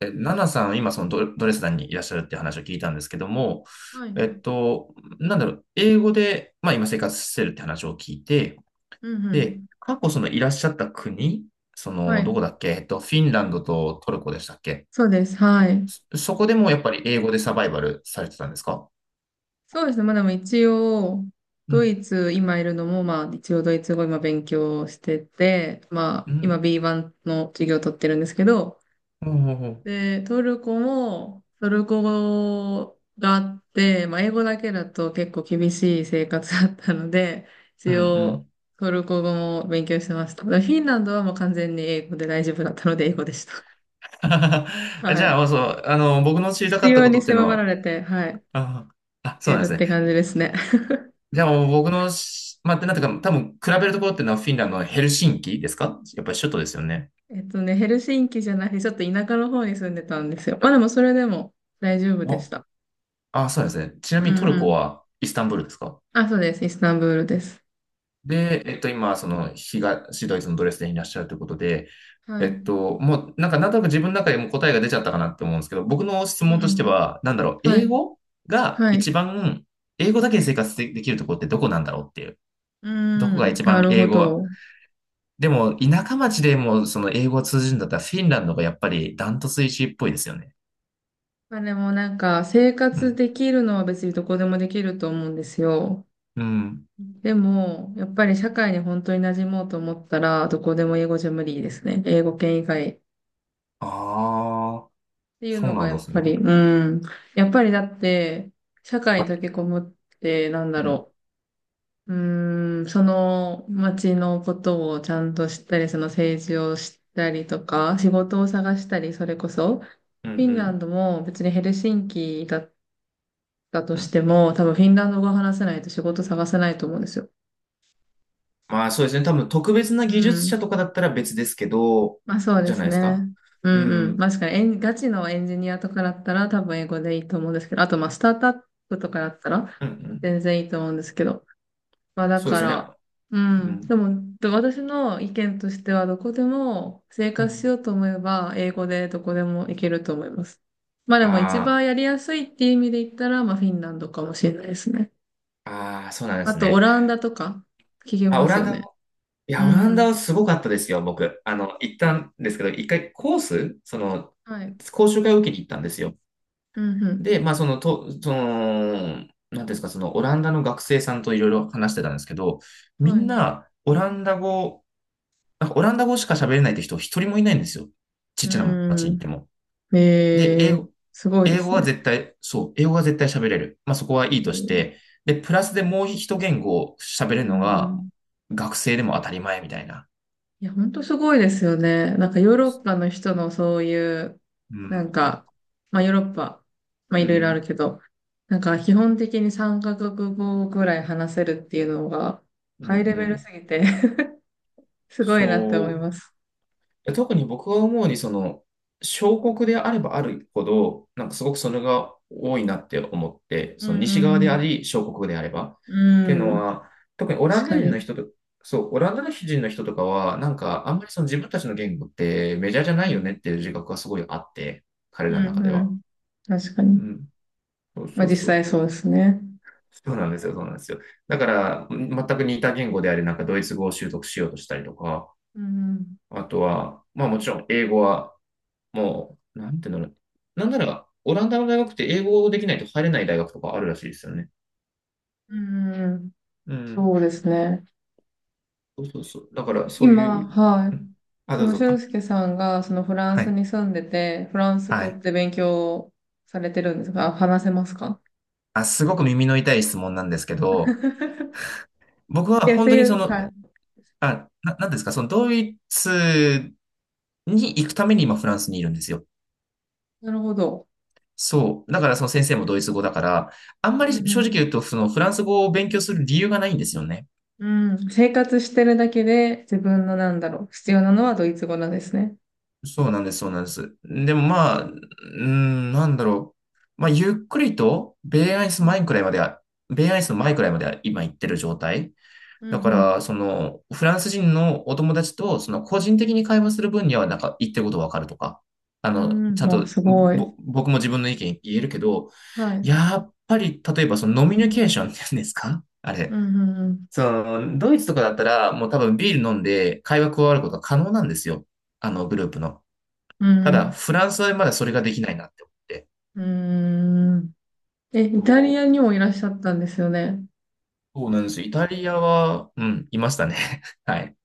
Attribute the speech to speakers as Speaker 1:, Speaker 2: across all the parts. Speaker 1: ナナさん、今そのドレスデンにいらっしゃるって話を聞いたんですけども、
Speaker 2: はい。うん
Speaker 1: なんだろう、英語で、まあ今生活してるって話を聞いて、
Speaker 2: う
Speaker 1: で、
Speaker 2: ん。
Speaker 1: 過去そのいらっしゃった国、そ
Speaker 2: は
Speaker 1: の、ど
Speaker 2: い。
Speaker 1: こだっけ、フィンランドとトルコでしたっけ？
Speaker 2: そうです。はい。
Speaker 1: そこでもやっぱり英語でサバイバルされてたんですか？
Speaker 2: そうですね。まあでも一応、
Speaker 1: う
Speaker 2: ド
Speaker 1: ん、
Speaker 2: イツ、今いるのも、まあ一応ドイツ語今勉強してて、ま
Speaker 1: う
Speaker 2: あ今
Speaker 1: ん、
Speaker 2: B1 の授業を取ってるんですけど、
Speaker 1: ほうほうほう、
Speaker 2: で、トルコも、トルコ語があって、まあ英語だけだと結構厳しい生活だったので、
Speaker 1: うん、
Speaker 2: 一
Speaker 1: う
Speaker 2: 応
Speaker 1: ん。
Speaker 2: トルコ語も勉強してました。でフィンランドはもう完全に英語で大丈夫だったので英語でした。
Speaker 1: じ
Speaker 2: はい。
Speaker 1: ゃあ、そう、僕の知りた
Speaker 2: 必
Speaker 1: かった
Speaker 2: 要
Speaker 1: こ
Speaker 2: に
Speaker 1: とっていうの
Speaker 2: 迫ら
Speaker 1: は、
Speaker 2: れて、はい。
Speaker 1: あ、あ、そう
Speaker 2: や
Speaker 1: なんで
Speaker 2: る
Speaker 1: す
Speaker 2: っ
Speaker 1: ね。
Speaker 2: て感じですね。
Speaker 1: じゃあ、僕のまあ、なんていうか、多分、比べるところっていうのはフィンランドのヘルシンキですか？やっぱり首都ですよね。
Speaker 2: ヘルシンキじゃなくて、ちょっと田舎の方に住んでたんですよ。まあでもそれでも大丈夫でし
Speaker 1: お、
Speaker 2: た。
Speaker 1: あ、そうですね。ちな
Speaker 2: う
Speaker 1: みにト
Speaker 2: ん
Speaker 1: ル
Speaker 2: う
Speaker 1: コ
Speaker 2: ん。
Speaker 1: はイスタンブールですか？
Speaker 2: あ、そうです。イスタンブールです。
Speaker 1: で、今、その、東ドイツのドレスデンにいらっしゃるということで、
Speaker 2: はい。
Speaker 1: もう、なんか、なんとなく自分の中でも答えが出ちゃったかなって思うんですけど、僕の質
Speaker 2: う
Speaker 1: 問
Speaker 2: んう
Speaker 1: として
Speaker 2: ん。
Speaker 1: は、なんだろう、
Speaker 2: はい。
Speaker 1: 英語が
Speaker 2: は
Speaker 1: 一
Speaker 2: い。
Speaker 1: 番、英語だけで生活できるところってどこなんだろうっていう、
Speaker 2: う
Speaker 1: どこが
Speaker 2: ん。
Speaker 1: 一
Speaker 2: な
Speaker 1: 番
Speaker 2: る
Speaker 1: 英
Speaker 2: ほ
Speaker 1: 語
Speaker 2: ど。
Speaker 1: でも、田舎町でも、その英語を通じるんだったら、フィンランドがやっぱりダントツ1位っぽいですよね。
Speaker 2: まあでもなんか、生
Speaker 1: う
Speaker 2: 活
Speaker 1: ん。
Speaker 2: できるのは別にどこでもできると思うんですよ。
Speaker 1: うん。
Speaker 2: でも、やっぱり社会に本当に馴染もうと思ったら、どこでも英語じゃ無理ですね。英語圏以外
Speaker 1: ああ、
Speaker 2: ていう
Speaker 1: そう
Speaker 2: の
Speaker 1: な
Speaker 2: が
Speaker 1: ん
Speaker 2: や
Speaker 1: で
Speaker 2: っ
Speaker 1: す
Speaker 2: ぱ
Speaker 1: ね。
Speaker 2: り、うん。やっぱりだって、社会に溶け込むって、なんだ
Speaker 1: うん。
Speaker 2: ろう。うん、その街のことをちゃんと知ったり、その政治を知ったりとか、仕事を探したり、それこそ、フ
Speaker 1: うん
Speaker 2: ィン
Speaker 1: う
Speaker 2: ラン
Speaker 1: ん
Speaker 2: ドも別にヘルシンキだったと
Speaker 1: う
Speaker 2: し
Speaker 1: ん。
Speaker 2: ても、多分フィンランド語を話せないと仕事探せないと思うんですよ。
Speaker 1: まあそうですね。多分特別な
Speaker 2: う
Speaker 1: 技術
Speaker 2: ん。
Speaker 1: 者とかだったら別ですけど、
Speaker 2: まあそうで
Speaker 1: じゃな
Speaker 2: す
Speaker 1: いですか。
Speaker 2: ね。う
Speaker 1: う
Speaker 2: んうん。
Speaker 1: ん。
Speaker 2: 確かにガチのエンジニアとかだったら多分英語でいいと思うんですけど、あとまあスタートアップとかだったら
Speaker 1: うんうん。
Speaker 2: 全然いいと思うんですけど。まあだ
Speaker 1: そうで
Speaker 2: か
Speaker 1: すね。
Speaker 2: ら、う
Speaker 1: う
Speaker 2: ん。
Speaker 1: ん。
Speaker 2: でも、で私の意見としてはどこでも生
Speaker 1: う
Speaker 2: 活し
Speaker 1: ん。
Speaker 2: ようと思えば英語でどこでもいけると思います。まあでも一
Speaker 1: あ
Speaker 2: 番やりやすいっていう意味で言ったら、まあフィンランドかもしれないですね。
Speaker 1: あ、ああ、そうなんで
Speaker 2: あ
Speaker 1: す
Speaker 2: とオ
Speaker 1: ね。
Speaker 2: ランダとか聞き
Speaker 1: あ、
Speaker 2: ま
Speaker 1: オ
Speaker 2: す
Speaker 1: ラン
Speaker 2: よ
Speaker 1: ダ
Speaker 2: ね。
Speaker 1: も、い
Speaker 2: う
Speaker 1: や、オランダ
Speaker 2: ん。
Speaker 1: はすごかったですよ、僕。行ったんですけど、一回コース、その、
Speaker 2: はい。
Speaker 1: 講習会を受けに行ったんですよ。
Speaker 2: うんう
Speaker 1: で、まあ、その、なんていうんですか、その、オランダの学生さんといろいろ話してたんですけど、
Speaker 2: ん。
Speaker 1: み
Speaker 2: は
Speaker 1: ん
Speaker 2: い。
Speaker 1: な、オランダ語、なんかオランダ語しか喋れないって人一人もいないんですよ。ちっちゃな町
Speaker 2: う
Speaker 1: に行っ
Speaker 2: ん。
Speaker 1: ても。
Speaker 2: え
Speaker 1: で、
Speaker 2: え、すごいで
Speaker 1: 英語
Speaker 2: す
Speaker 1: は
Speaker 2: ね。
Speaker 1: 絶対、そう、英語は絶対喋れる。まあ、そこは
Speaker 2: え
Speaker 1: いいとし
Speaker 2: ー
Speaker 1: て、で、プラスでもう一言語喋れる
Speaker 2: う
Speaker 1: の
Speaker 2: んう
Speaker 1: が、
Speaker 2: ん、
Speaker 1: 学生でも当たり前みたいな。
Speaker 2: いや、本当すごいですよね。なんかヨーロッパの人のそういう、
Speaker 1: う
Speaker 2: な
Speaker 1: ん、
Speaker 2: んか、まあヨーロッパ、まあい
Speaker 1: う
Speaker 2: ろいろある
Speaker 1: ん、
Speaker 2: けど、なんか基本的に三カ国語ぐらい話せるっていうのが、
Speaker 1: うん、
Speaker 2: ハ
Speaker 1: う
Speaker 2: イレベル
Speaker 1: ん。
Speaker 2: すぎて すごいなって思い
Speaker 1: そう。
Speaker 2: ます。
Speaker 1: 特に僕が思うに、その、小国であればあるほど、なんかすごくそれが多いなって思って、
Speaker 2: うん
Speaker 1: その西側
Speaker 2: う
Speaker 1: であ
Speaker 2: ん
Speaker 1: り、小国であれば。っ
Speaker 2: う
Speaker 1: ての
Speaker 2: ん。うん、
Speaker 1: は、特にオラ
Speaker 2: 確
Speaker 1: ンダ
Speaker 2: か
Speaker 1: 人の
Speaker 2: に。
Speaker 1: 人と、そう、オランダ人の人とかは、なんかあんまりその自分たちの言語ってメジャーじゃ
Speaker 2: う
Speaker 1: ないよねっ
Speaker 2: ん、
Speaker 1: ていう自覚がすごいあって、彼
Speaker 2: う
Speaker 1: らの
Speaker 2: ん
Speaker 1: 中で
Speaker 2: う
Speaker 1: は。
Speaker 2: ん。確か
Speaker 1: う
Speaker 2: に。
Speaker 1: ん。そう
Speaker 2: まあ
Speaker 1: そう
Speaker 2: 実
Speaker 1: そう
Speaker 2: 際
Speaker 1: そ
Speaker 2: そう
Speaker 1: う。
Speaker 2: ですね。
Speaker 1: そうなんですよ、そうなんですよ。だから、全く似た言語であり、なんかドイツ語を習得しようとしたりとか、
Speaker 2: うん
Speaker 1: あとは、まあもちろん英語は、もう、なんていうんだろう。なんなら、オランダの大学って英語できないと入れない大学とかあるらしいですよね。
Speaker 2: うん、うんうんうん、
Speaker 1: うん。
Speaker 2: そうですね。
Speaker 1: そうそうそう。だか
Speaker 2: え
Speaker 1: ら、そうい
Speaker 2: 今、
Speaker 1: う、
Speaker 2: はい。
Speaker 1: うん、あ、
Speaker 2: そ
Speaker 1: どう
Speaker 2: の
Speaker 1: ぞ。
Speaker 2: 俊介さんが、そのフラン
Speaker 1: は
Speaker 2: ス
Speaker 1: い。
Speaker 2: に住んでて、フランス
Speaker 1: は
Speaker 2: 語っ
Speaker 1: い。
Speaker 2: て勉強されてるんですかあ？話せますか？
Speaker 1: あ、すごく耳の痛い質問なんですけど、僕は
Speaker 2: いや、って
Speaker 1: 本当
Speaker 2: い
Speaker 1: にそ
Speaker 2: う、
Speaker 1: の、
Speaker 2: はい。
Speaker 1: なんですか、そのドイツに行くために今フランスにいるんですよ。
Speaker 2: なるほど。
Speaker 1: そう。だからその先生もドイツ語だから、あんま
Speaker 2: う
Speaker 1: り正直
Speaker 2: ん
Speaker 1: 言うと、そのフランス語を勉強する理由がないんですよね。
Speaker 2: うん。うん。生活してるだけで、自分のなんだろう、必要なのはドイツ語なんですね。
Speaker 1: そうなんです、そうなんです。でもまあ、うーん、なんだろう。まあ、ゆっくりと、
Speaker 2: はい。
Speaker 1: ベイアイスの前くらいまでは今行ってる状態。
Speaker 2: う
Speaker 1: だか
Speaker 2: ん
Speaker 1: ら、その、フランス人のお友達と、その、個人的に会話する分には、なんか、言ってることわかるとか、
Speaker 2: うん。う
Speaker 1: ちゃ
Speaker 2: ん。
Speaker 1: ん
Speaker 2: わ、
Speaker 1: と、
Speaker 2: すごい。
Speaker 1: 僕も自分の意見言えるけど、
Speaker 2: はい。
Speaker 1: やっぱり、例えば、その、ノミニケーションっていうんですかあ
Speaker 2: う
Speaker 1: れ。
Speaker 2: んうんうん。
Speaker 1: その、ドイツとかだったら、もう多分ビール飲んで会話加わることが可能なんですよ。グループの。
Speaker 2: う
Speaker 1: ただ、
Speaker 2: ん
Speaker 1: フランスはまだそれができないなって思って。
Speaker 2: うん。うん。え、
Speaker 1: そ
Speaker 2: イタリア
Speaker 1: う
Speaker 2: にもいらっしゃったんですよね。
Speaker 1: そうなんですよ。イタリアは、うん、いましたね。はい。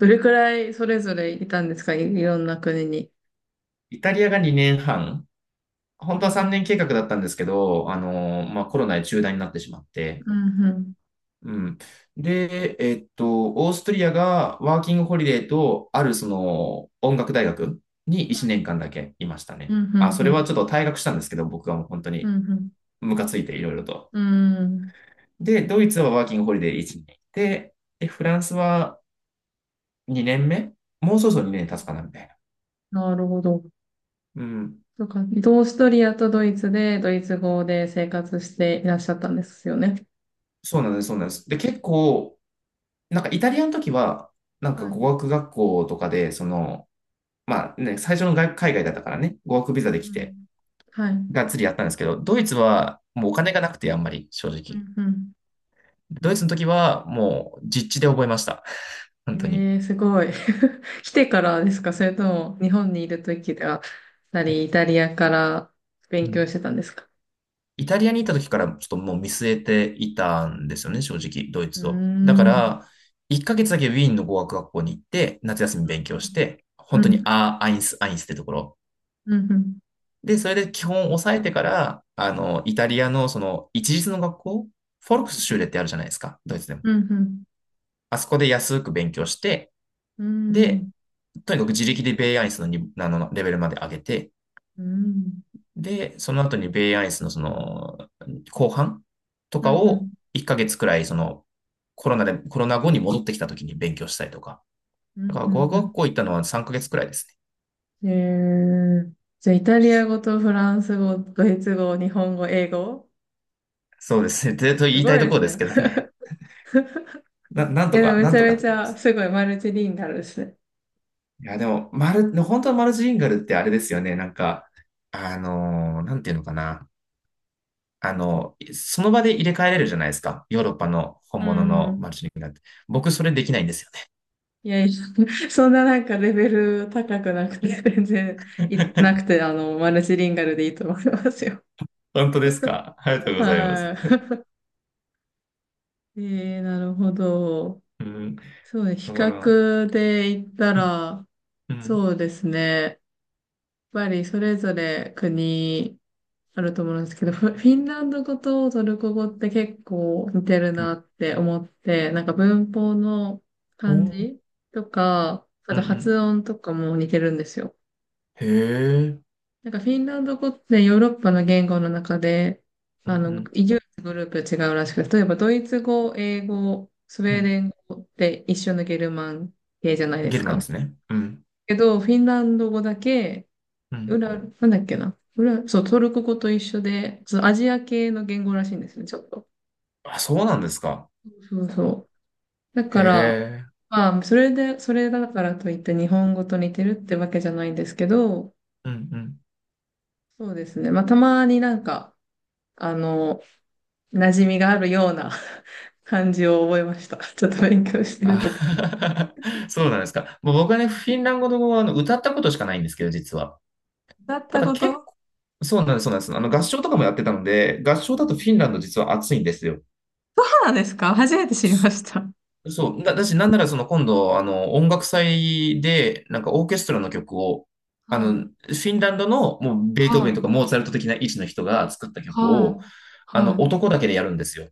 Speaker 2: どれくらいそれぞれいたんですか、いろんな国に？
Speaker 1: イタリアが2年半、
Speaker 2: う
Speaker 1: 本当は3
Speaker 2: ん、
Speaker 1: 年計画だったんですけど、まあ、コロナで中断になってしまって、
Speaker 2: うん、うん、
Speaker 1: うん。で、オーストリアがワーキングホリデーと、あるその音楽大学に1年間だけいました
Speaker 2: う
Speaker 1: ね。
Speaker 2: ん、
Speaker 1: あ、そ
Speaker 2: う
Speaker 1: れは
Speaker 2: ん、
Speaker 1: ちょっと退学したんですけど、僕はもう本当
Speaker 2: う
Speaker 1: に
Speaker 2: ん、うん、
Speaker 1: ムカついていろいろと。
Speaker 2: うん、
Speaker 1: で、ドイツはワーキングホリデー1年で、で、フランスは2年目もうそろそろ2年経つかなみたいな。
Speaker 2: なるほど。
Speaker 1: うん。
Speaker 2: そうか、オーストリアとドイツで、ドイツ語で生活していらっしゃったんですよね。
Speaker 1: そうなんです、そうなんです。で、結構、なんかイタリアの時は、なんか
Speaker 2: はい。う
Speaker 1: 語
Speaker 2: ん
Speaker 1: 学学校とかで、その、まあね、最初の海外だったからね、語学ビ
Speaker 2: う
Speaker 1: ザで来て、
Speaker 2: んはい。うん
Speaker 1: がっつりやったんですけど、ドイツはもうお金がなくて、あんまり正
Speaker 2: う
Speaker 1: 直。
Speaker 2: ん。
Speaker 1: ドイツの時はもう実地で覚えました。
Speaker 2: え
Speaker 1: 本当に。
Speaker 2: ー、すごい。来てからですか？それとも、日本にいるときでは、イタリアから
Speaker 1: う
Speaker 2: 勉
Speaker 1: ん、
Speaker 2: 強してたんですか？
Speaker 1: イタリアに行った時からちょっともう見据えていたんですよね、正直、ドイ
Speaker 2: うー
Speaker 1: ツを。だか
Speaker 2: ん。
Speaker 1: ら、1ヶ月だけウィーンの語学学校に行って、夏休み勉強して、
Speaker 2: うん、
Speaker 1: 本
Speaker 2: う
Speaker 1: 当に
Speaker 2: ん、
Speaker 1: アインスってところ。
Speaker 2: うん、うん、
Speaker 1: で、それで基本を抑えてから、イタリアのその一律の学校、フォルクス
Speaker 2: う
Speaker 1: シューレっ
Speaker 2: ん、
Speaker 1: てあるじゃないですか、ドイツでも。
Speaker 2: うん。うん
Speaker 1: あそこで安く勉強して、
Speaker 2: う
Speaker 1: で、
Speaker 2: ん、
Speaker 1: とにかく自力でベイアインスのにあのレベルまで上げて、
Speaker 2: うん、
Speaker 1: で、その後にベイアイスのその、後半と
Speaker 2: うん、
Speaker 1: か
Speaker 2: う
Speaker 1: を
Speaker 2: ん、
Speaker 1: 1ヶ月くらい、その、コロナ後に戻ってきた時に勉強したりとか。
Speaker 2: う
Speaker 1: だから語学
Speaker 2: ん、
Speaker 1: 学校行ったのは3ヶ月くらいですね。
Speaker 2: うん。じゃあ、イタリア語とフランス語、ドイツ語、日本語、英語
Speaker 1: そうですね。でと
Speaker 2: す
Speaker 1: 言いた
Speaker 2: ご
Speaker 1: い
Speaker 2: い
Speaker 1: と
Speaker 2: で
Speaker 1: こ
Speaker 2: す
Speaker 1: ろです
Speaker 2: ね。
Speaker 1: けど ね。な、なん
Speaker 2: い
Speaker 1: と
Speaker 2: や、でも
Speaker 1: か、
Speaker 2: め
Speaker 1: な
Speaker 2: ち
Speaker 1: ん
Speaker 2: ゃ
Speaker 1: とかっ
Speaker 2: め
Speaker 1: て
Speaker 2: ち
Speaker 1: 感じで
Speaker 2: ゃ、
Speaker 1: す。
Speaker 2: すごいマルチリンガルですね。
Speaker 1: いや、でも、本当はマルチリンガルってあれですよね。なんか、なんていうのかな。その場で入れ替えれるじゃないですか。ヨーロッパの本
Speaker 2: う
Speaker 1: 物の
Speaker 2: ん。
Speaker 1: マルチリンガルって。僕、それできないんですよ
Speaker 2: いやいや、そんななんかレベル高くなくて、全然
Speaker 1: ね。
Speaker 2: なくて、マルチリンガルでいいと思いますよ。
Speaker 1: 本当ですか。ありがとうございます。
Speaker 2: はい。えー、なるほど。
Speaker 1: うん。
Speaker 2: そうね、比
Speaker 1: だから、
Speaker 2: 較で言った
Speaker 1: うん、
Speaker 2: ら、
Speaker 1: うん、
Speaker 2: そうですね。それぞれ国あると思うんですけど、フィンランド語とトルコ語って結構似てる
Speaker 1: うん。
Speaker 2: なって思って、なんか文法の
Speaker 1: お
Speaker 2: 漢
Speaker 1: ー、
Speaker 2: 字とか、あ
Speaker 1: う
Speaker 2: と
Speaker 1: ん、うん、
Speaker 2: 発音とかも似てるんですよ。
Speaker 1: へえ。
Speaker 2: なんかフィンランド語ってヨーロッパの言語の中で、
Speaker 1: うん、うん、
Speaker 2: 唯一グループ違うらしくて、例えばドイツ語、英語、スウ
Speaker 1: う
Speaker 2: ェー
Speaker 1: ん。
Speaker 2: デン語って一緒のゲルマン系じゃないで
Speaker 1: ゲ
Speaker 2: す
Speaker 1: ルマンで
Speaker 2: か。
Speaker 1: すね。うん、
Speaker 2: けど、フィンランド語だけ
Speaker 1: うん、
Speaker 2: 裏、なんだっけな。裏、そう、トルコ語と一緒で、そう、アジア系の言語らしいんですね、ちょっと。
Speaker 1: あ、そうなんですか。
Speaker 2: そうそう。だ
Speaker 1: へ
Speaker 2: から、
Speaker 1: え。
Speaker 2: まあ、それだからといって日本語と似てるってわけじゃないんですけど、
Speaker 1: うん、うん。
Speaker 2: そうですね。まあ、たまになんか、あの、馴染みがあるような 感じを覚えました。ちょっと勉強してるとき。
Speaker 1: あ そうなんですか。もう僕はね、フィンランド語はあの歌ったことしかないんですけど、実は。
Speaker 2: だっ
Speaker 1: た
Speaker 2: た
Speaker 1: だ
Speaker 2: こ
Speaker 1: 結
Speaker 2: と、
Speaker 1: 構、そうなんです、そうなんです。あの合唱とかもやってたので、合唱だと
Speaker 2: え
Speaker 1: フィン
Speaker 2: ー
Speaker 1: ランド実は暑いんですよ。
Speaker 2: そうなんですか？初めて知りました。
Speaker 1: そう、だし、なんならその今度、音楽祭で、なんかオーケストラの曲を、
Speaker 2: はい、
Speaker 1: フィンランドのもうベー
Speaker 2: は
Speaker 1: トーベンと
Speaker 2: い、
Speaker 1: かモーツァルト的な位置の人が作った曲
Speaker 2: は
Speaker 1: を、
Speaker 2: い、は
Speaker 1: 男だけでやるんですよ。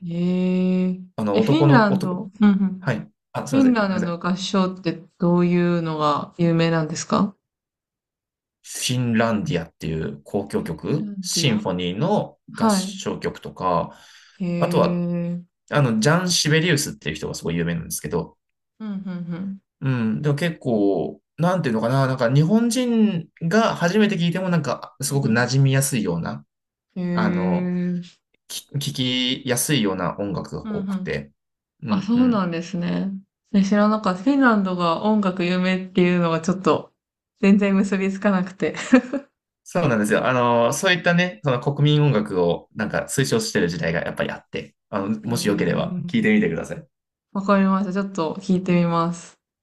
Speaker 2: い。えー、え、フィ
Speaker 1: 男
Speaker 2: ンラ
Speaker 1: の、
Speaker 2: ン
Speaker 1: 男、
Speaker 2: ド。うんうん
Speaker 1: はい。あ、すい
Speaker 2: フィ
Speaker 1: ませ
Speaker 2: ン
Speaker 1: ん、す
Speaker 2: ラ
Speaker 1: めま
Speaker 2: ン
Speaker 1: せ
Speaker 2: ドの
Speaker 1: ん。
Speaker 2: 合唱ってどういうのが有名なんですか？
Speaker 1: フィンランディアっていう交響
Speaker 2: フィンラ
Speaker 1: 曲、
Speaker 2: ンデ
Speaker 1: シ
Speaker 2: ィ
Speaker 1: ン
Speaker 2: ア。
Speaker 1: フォニーの合
Speaker 2: はい。
Speaker 1: 唱曲とか、
Speaker 2: へ
Speaker 1: あとは、
Speaker 2: え。
Speaker 1: ジャン・シベリウスっていう人がすごい有名なんですけど、
Speaker 2: うん、うん、うん。
Speaker 1: うん。でも結構、なんていうのかな、なんか日本人が初めて聞いてもなんか
Speaker 2: うん、
Speaker 1: す
Speaker 2: う
Speaker 1: ごく
Speaker 2: ん。
Speaker 1: 馴染みやすいような、
Speaker 2: へえ。う
Speaker 1: あの、
Speaker 2: ん、
Speaker 1: 聞きやすいような音楽
Speaker 2: う
Speaker 1: が多く
Speaker 2: ん。
Speaker 1: て。う
Speaker 2: あ、
Speaker 1: ん
Speaker 2: そ
Speaker 1: う
Speaker 2: うな
Speaker 1: ん。
Speaker 2: んですね。え知らなかった。フィンランドが音楽有名っていうのがちょっと全然結びつかなくて。
Speaker 1: そうなんですよ。そういったね、その国民音楽をなんか推奨してる時代がやっぱりあって、
Speaker 2: へ
Speaker 1: もしよければ
Speaker 2: え。
Speaker 1: 聞いてみてください。
Speaker 2: わかりました。ちょっと聞いてみます。